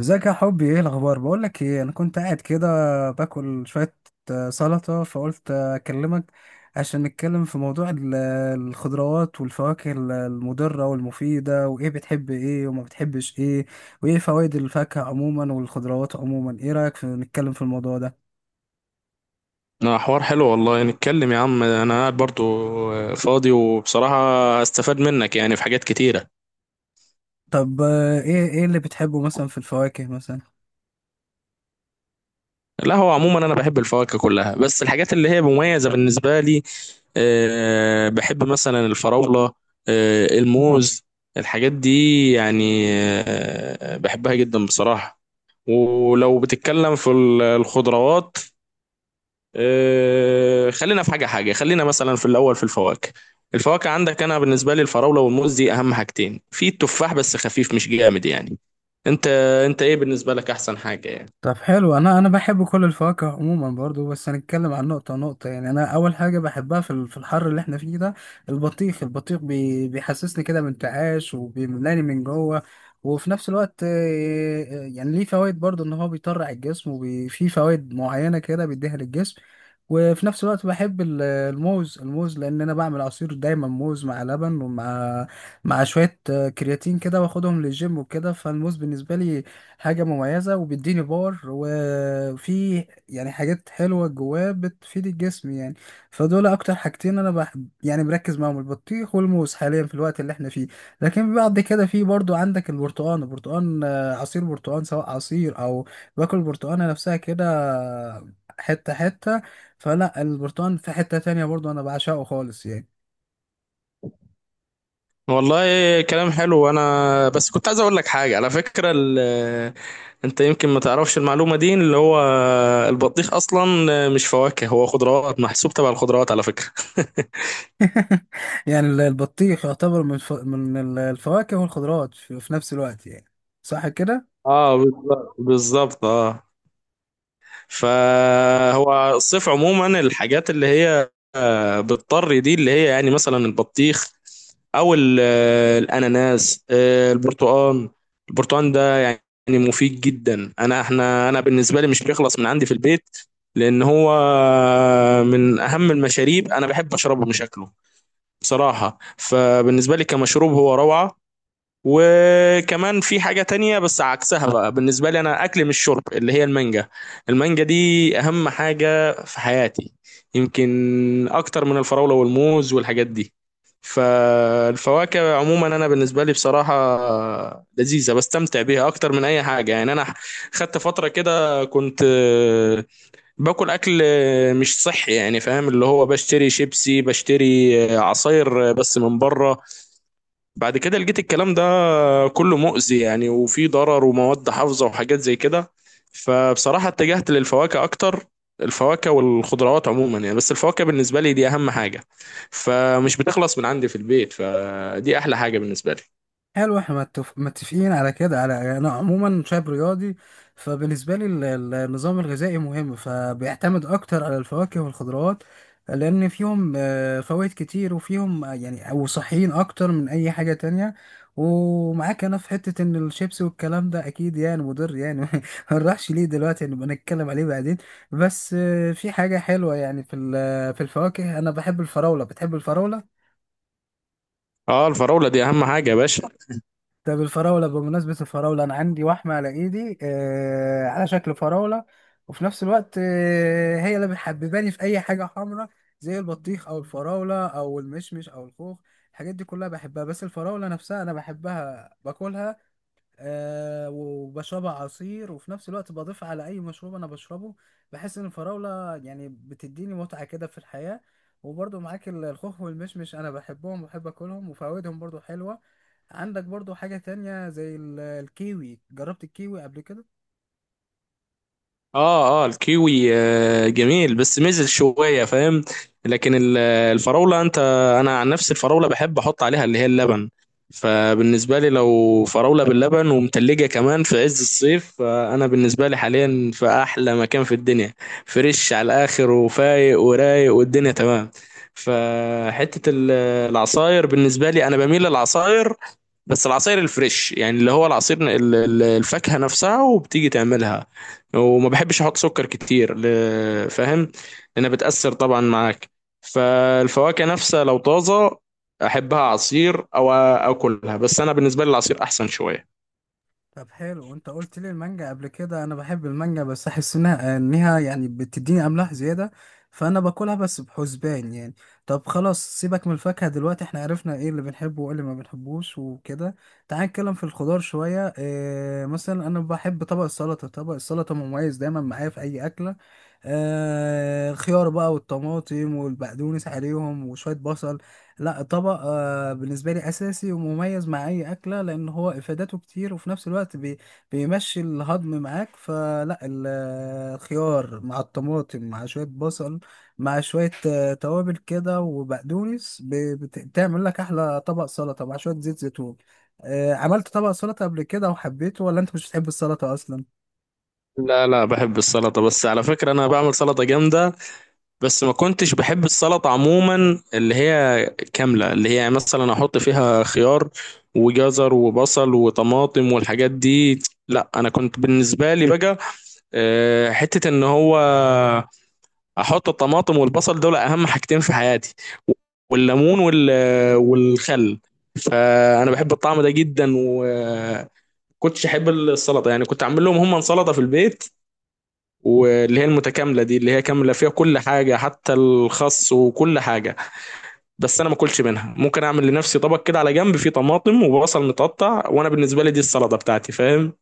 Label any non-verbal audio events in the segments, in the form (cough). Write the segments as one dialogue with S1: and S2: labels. S1: ازيك يا حبي؟ ايه الاخبار؟ بقول لك ايه، انا كنت قاعد كده باكل شويه سلطه، فقلت اكلمك عشان نتكلم في موضوع الخضروات والفواكه المضره والمفيده، وايه بتحب ايه وما بتحبش ايه، وايه فوائد الفاكهه عموما والخضروات عموما. ايه رايك في نتكلم في الموضوع ده؟
S2: لا، حوار حلو والله. نتكلم يا عم، انا قاعد برضو فاضي وبصراحة استفاد منك يعني في حاجات كتيرة.
S1: طب ايه اللي بتحبه مثلا في الفواكه مثلا؟
S2: لا، هو عموما انا بحب الفواكه كلها، بس الحاجات اللي هي مميزة بالنسبة لي بحب مثلا الفراولة، الموز، الحاجات دي يعني. بحبها جدا بصراحة. ولو بتتكلم في الخضروات، خلينا في حاجة حاجة، خلينا مثلا في الأول في الفواكه. الفواكه عندك، أنا بالنسبة لي الفراولة والموز دي أهم حاجتين، في التفاح بس خفيف مش جامد يعني. أنت أنت إيه بالنسبة لك أحسن حاجة يعني؟
S1: طب حلو. انا بحب كل الفواكه عموما برضو، بس هنتكلم عن نقطه نقطه. يعني انا اول حاجه بحبها في في الحر اللي احنا فيه ده البطيخ. البطيخ بيحسسني كده بانتعاش وبيملاني من جوه، وفي نفس الوقت يعني ليه فوائد برضو، ان هو بيطرع الجسم وفي فوائد معينه كده بيديها للجسم. وفي نفس الوقت بحب الموز. الموز لان انا بعمل عصير دايما موز مع لبن، ومع شويه كرياتين كده، واخدهم للجيم وكده. فالموز بالنسبه لي حاجة مميزة وبيديني باور، وفي يعني حاجات حلوة جواه بتفيد الجسم يعني. فدول أكتر حاجتين أنا بحب يعني مركز معاهم، البطيخ والموز، حاليا في الوقت اللي احنا فيه. لكن بعد كده في برضو عندك البرتقان. البرتقان عصير برتقان، سواء عصير أو باكل البرتقانة نفسها كده حتة حتة. فلا البرتقان في حتة تانية برضو أنا بعشقه خالص يعني.
S2: والله كلام حلو. أنا بس كنت عايز أقول لك حاجة على فكرة أنت يمكن ما تعرفش المعلومة دي، اللي هو البطيخ أصلا مش فواكه، هو خضروات، محسوب تبع الخضروات على فكرة. (laughs)
S1: (laughs) يعني البطيخ يعتبر من الفواكه والخضروات في في نفس الوقت يعني، صح كده؟
S2: اه بالظبط بالظبط اه. فهو الصيف عموما الحاجات اللي هي بتضطر، دي اللي هي يعني مثلا البطيخ او الاناناس، البرتقال ده يعني مفيد جدا. انا بالنسبه لي مش بيخلص من عندي في البيت، لان هو من اهم المشاريب. انا بحب اشربه مش اكله بصراحه، فبالنسبه لي كمشروب هو روعه. وكمان في حاجة تانية بس عكسها بقى، بالنسبة لي أنا أكل مش شرب، اللي هي المانجا. المانجا دي أهم حاجة في حياتي، يمكن أكتر من الفراولة والموز والحاجات دي. فالفواكه عموما أنا بالنسبة لي بصراحة لذيذة، بستمتع بيها أكتر من أي حاجة يعني. أنا خدت فترة كده كنت باكل أكل مش صحي، يعني فاهم، اللي هو بشتري شيبسي، بشتري آه، عصاير بس من بره. بعد كده لقيت الكلام ده كله مؤذي يعني، وفيه ضرر ومواد حافظة وحاجات زي كده، فبصراحة اتجهت للفواكه أكتر. الفواكه والخضروات عموما يعني، بس الفواكه بالنسبة لي دي أهم حاجة، فمش بتخلص من عندي في البيت، فدي أحلى حاجة بالنسبة لي.
S1: حلو، احنا متفقين على كده. على يعني انا عموما شاب رياضي، فبالنسبه لي النظام الغذائي مهم، فبيعتمد اكتر على الفواكه والخضروات، لان فيهم فوائد كتير، وفيهم يعني او صحيين اكتر من اي حاجه تانية. ومعاك انا في حته ان الشيبس والكلام ده اكيد يعني مضر يعني. (laughs) ما نروحش ليه دلوقتي، نبقى نتكلم عليه بعدين. بس في حاجه حلوه يعني في في الفواكه، انا بحب الفراوله. بتحب الفراوله؟
S2: اه، الفراولة دي أهم حاجة يا باشا.
S1: طب الفراولة، بمناسبة الفراولة، أنا عندي وحمة على إيدي آه على شكل فراولة، وفي نفس الوقت آه هي اللي بتحبباني في أي حاجة حمراء، زي البطيخ أو الفراولة أو المشمش أو الخوخ. الحاجات دي كلها بحبها، بس الفراولة نفسها أنا بحبها باكلها آه وبشربها عصير، وفي نفس الوقت بضيف على اي مشروب انا بشربه. بحس ان الفراولة يعني بتديني متعة كده في الحياة. وبرضو معاك، الخوخ والمشمش انا بحبهم وبحب اكلهم وفوائدهم برضو حلوة. عندك برضو حاجة تانية زي الكيوي. جربت الكيوي قبل كده؟
S2: اه اه، الكيوي جميل بس مزل شويه فاهم. لكن الفراوله انا عن نفسي الفراوله بحب احط عليها اللي هي اللبن، فبالنسبه لي لو فراوله باللبن ومتلجه كمان في عز الصيف، فانا بالنسبه لي حاليا في احلى مكان في الدنيا، فريش على الاخر وفايق ورايق والدنيا تمام. فحته العصاير، بالنسبه لي انا بميل للعصاير، بس العصير الفريش يعني اللي هو العصير، الفاكهة نفسها، وبتيجي تعملها وما بحبش احط سكر كتير، فاهم، لانها بتأثر طبعا معاك. فالفواكه نفسها لو طازة، احبها عصير او اكلها، بس انا بالنسبة لي العصير احسن شوية.
S1: طب حلو، وانت قلت لي المانجا قبل كده. انا بحب المانجا بس احس انها يعني بتديني املاح زياده، فانا باكلها بس بحسبان يعني. طب خلاص، سيبك من الفاكهه دلوقتي، احنا عرفنا ايه اللي بنحبه وايه اللي ما بنحبوش وكده. تعال نتكلم في الخضار شويه. اه مثلا انا بحب طبق السلطه. طبق السلطه مميز دايما معايا في اي اكله. اه الخيار بقى والطماطم والبقدونس عليهم وشويه بصل. لا طبق بالنسبة لي أساسي ومميز مع أي أكلة، لأن هو إفادته كتير، وفي نفس الوقت بيمشي الهضم معاك. فلا الخيار مع الطماطم مع شوية بصل، مع شوية توابل كده وبقدونس، بتعمل لك أحلى طبق سلطة مع شوية زيت زيتون. عملت طبق سلطة قبل كده وحبيته، ولا أنت مش بتحب السلطة أصلا؟
S2: لا لا، بحب السلطة، بس على فكرة انا بعمل سلطة جامدة. بس ما كنتش بحب السلطة عموما اللي هي كاملة، اللي هي مثلا احط فيها خيار وجزر وبصل وطماطم والحاجات دي. لا، انا كنت بالنسبة لي بقى حتة ان هو احط الطماطم والبصل دول اهم حاجتين في حياتي، والليمون والخل. فانا بحب الطعم ده جدا، وكنتش احب السلطة يعني، كنت اعمل لهم هم سلطة في البيت، واللي هي المتكامله دي اللي هي كامله فيها كل حاجه حتى الخس وكل حاجه، بس انا ما اكلش منها. ممكن اعمل لنفسي طبق كده على جنب فيه طماطم وبصل متقطع، وانا بالنسبه لي دي السلطه بتاعتي فاهم.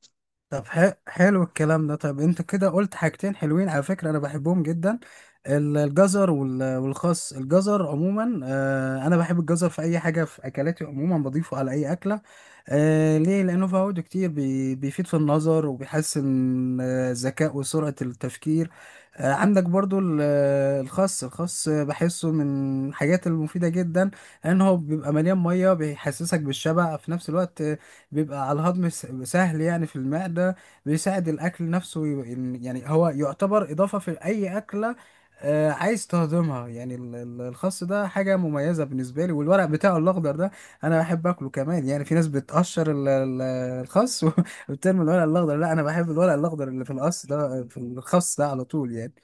S1: طب حلو الكلام ده. طب انت كده قلت حاجتين حلوين، على فكرة انا بحبهم جدا، الجزر والخس. الجزر عموما انا بحب الجزر في اي حاجة، في اكلاتي عموما بضيفه على اي اكلة ليه؟ لانه فوائده كتير، بيفيد في النظر، وبيحسن الذكاء وسرعة التفكير. عندك برضو الخس. الخس بحسه من الحاجات المفيدة جدا، لان هو بيبقى مليان مية، بيحسسك بالشبع في نفس الوقت، بيبقى على الهضم سهل يعني في المعدة، بيساعد الأكل نفسه يعني هو يعتبر إضافة في أي أكلة عايز تهضمها يعني. الخس ده حاجة مميزة بالنسبة لي، والورق بتاعه الأخضر ده أنا بحب أكله كمان. يعني في ناس بتقشر الخس (laughs) وبترمي الورق الأخضر. لا أنا بحب الورق الأخضر اللي في القص ده في الخس ده على طول يعني.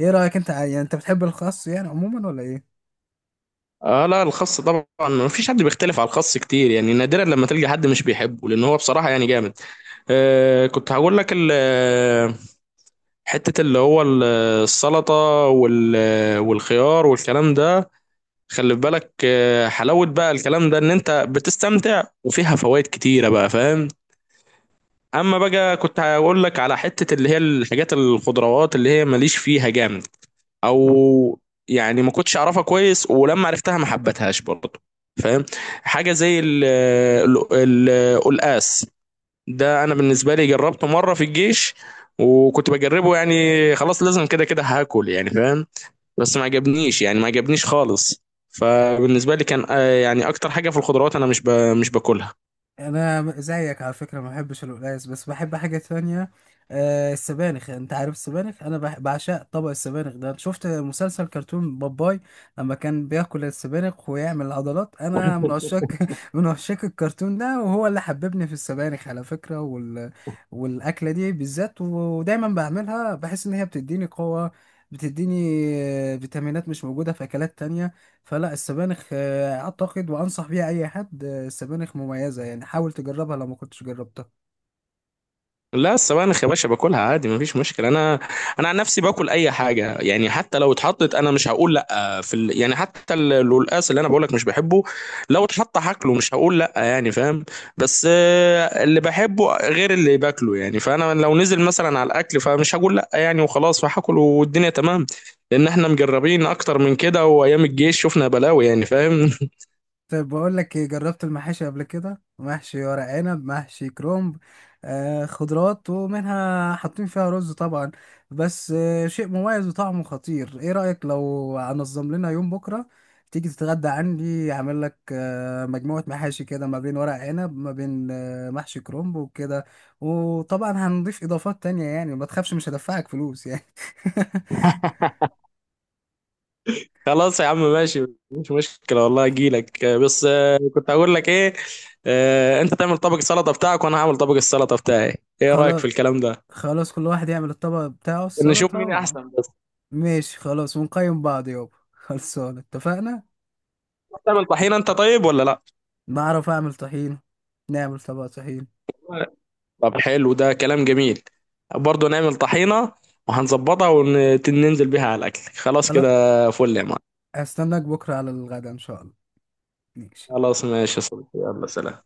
S1: إيه رأيك أنت يعني أنت بتحب الخس يعني عموما ولا إيه؟
S2: اه، لا الخس طبعا ما فيش حد بيختلف على الخس كتير يعني، نادرا لما تلقى حد مش بيحبه، لان هو بصراحه يعني جامد. كنت هقول لك حته اللي هو السلطه والخيار والكلام ده. خلي بالك حلاوة بقى الكلام ده، ان انت بتستمتع وفيها فوائد كتيرة بقى فاهم. اما بقى كنت هقول لك على حتة اللي هي الحاجات، الخضروات اللي هي ماليش فيها جامد او يعني ما كنتش اعرفها كويس، ولما عرفتها ما حبتهاش برضه فاهم. حاجة زي القلقاس، ده انا بالنسبة لي جربته مرة في الجيش، وكنت بجربه يعني خلاص لازم، كده كده هاكل يعني فاهم، بس ما عجبنيش يعني ما عجبنيش خالص. فبالنسبة لي كان يعني أكتر حاجة في الخضروات أنا مش باكلها.
S1: انا زيك على فكره، ما بحبش القلقاس، بس بحب حاجه تانية، آه السبانخ. انت عارف السبانخ؟ انا بعشق طبق السبانخ ده. أنت شفت مسلسل كرتون باباي لما كان بياكل السبانخ ويعمل عضلات؟ انا من عشاق (laughs) من عشاق الكرتون ده، وهو اللي حببني في السبانخ على فكره، والاكله دي بالذات، ودايما بعملها، بحس ان هي بتديني قوه، بتديني فيتامينات مش موجودة في أكلات تانية. فلا السبانخ أعتقد وأنصح بيها أي حد، السبانخ مميزة يعني، حاول تجربها لو ما كنتش جربتها.
S2: لا، السبانخ يا باشا باكلها عادي مفيش مشكله. انا عن نفسي باكل اي حاجه يعني، حتى لو اتحطت انا مش هقول لا يعني حتى القلقاس اللي انا بقولك مش بحبه، لو اتحط هاكله مش هقول لا يعني فاهم. بس اللي بحبه غير اللي باكله يعني، فانا لو نزل مثلا على الاكل فمش هقول لا يعني، وخلاص فهاكل والدنيا تمام. لان احنا مجربين اكتر من كده، وايام الجيش شفنا بلاوي يعني فاهم.
S1: طيب بقول لك إيه، جربت المحاشي قبل كده؟ محشي ورق عنب، محشي كرومب، آه خضروات ومنها، حاطين فيها رز طبعا، بس آه شيء مميز وطعمه خطير. ايه رأيك لو هنظم لنا يوم بكرة تيجي تتغدى عندي، اعمل لك آه مجموعة محاشي كده، ما بين ورق عنب، ما بين آه محشي كرومب وكده، وطبعا هنضيف اضافات تانية. يعني ما تخافش مش هدفعك فلوس يعني.
S2: خلاص يا عم ماشي، مش مشكلة والله اجيلك. بس كنت هقول لك ايه، انت تعمل طبق السلطة بتاعك وانا هعمل طبق السلطة بتاعي.
S1: (laughs)
S2: ايه رأيك
S1: خلاص،
S2: في الكلام ده؟
S1: خلاص كل واحد يعمل الطبق بتاعه
S2: نشوف
S1: السلطة
S2: مين
S1: و...
S2: احسن بس.
S1: ماشي خلاص، ونقيم بعض يابا، خلصان، اتفقنا.
S2: تعمل طحينة انت طيب ولا لا؟
S1: بعرف اعمل طحين، نعمل طبق طحين.
S2: طب حلو، ده كلام جميل. برضه نعمل طحينة وهنظبطها وننزل بيها على الاكل، خلاص
S1: خلاص،
S2: كده. فل يا معلم.
S1: هستناك بكرة على الغدا ان شاء الله. ماشي.
S2: خلاص، ماشي يا صديقي، يلا سلام.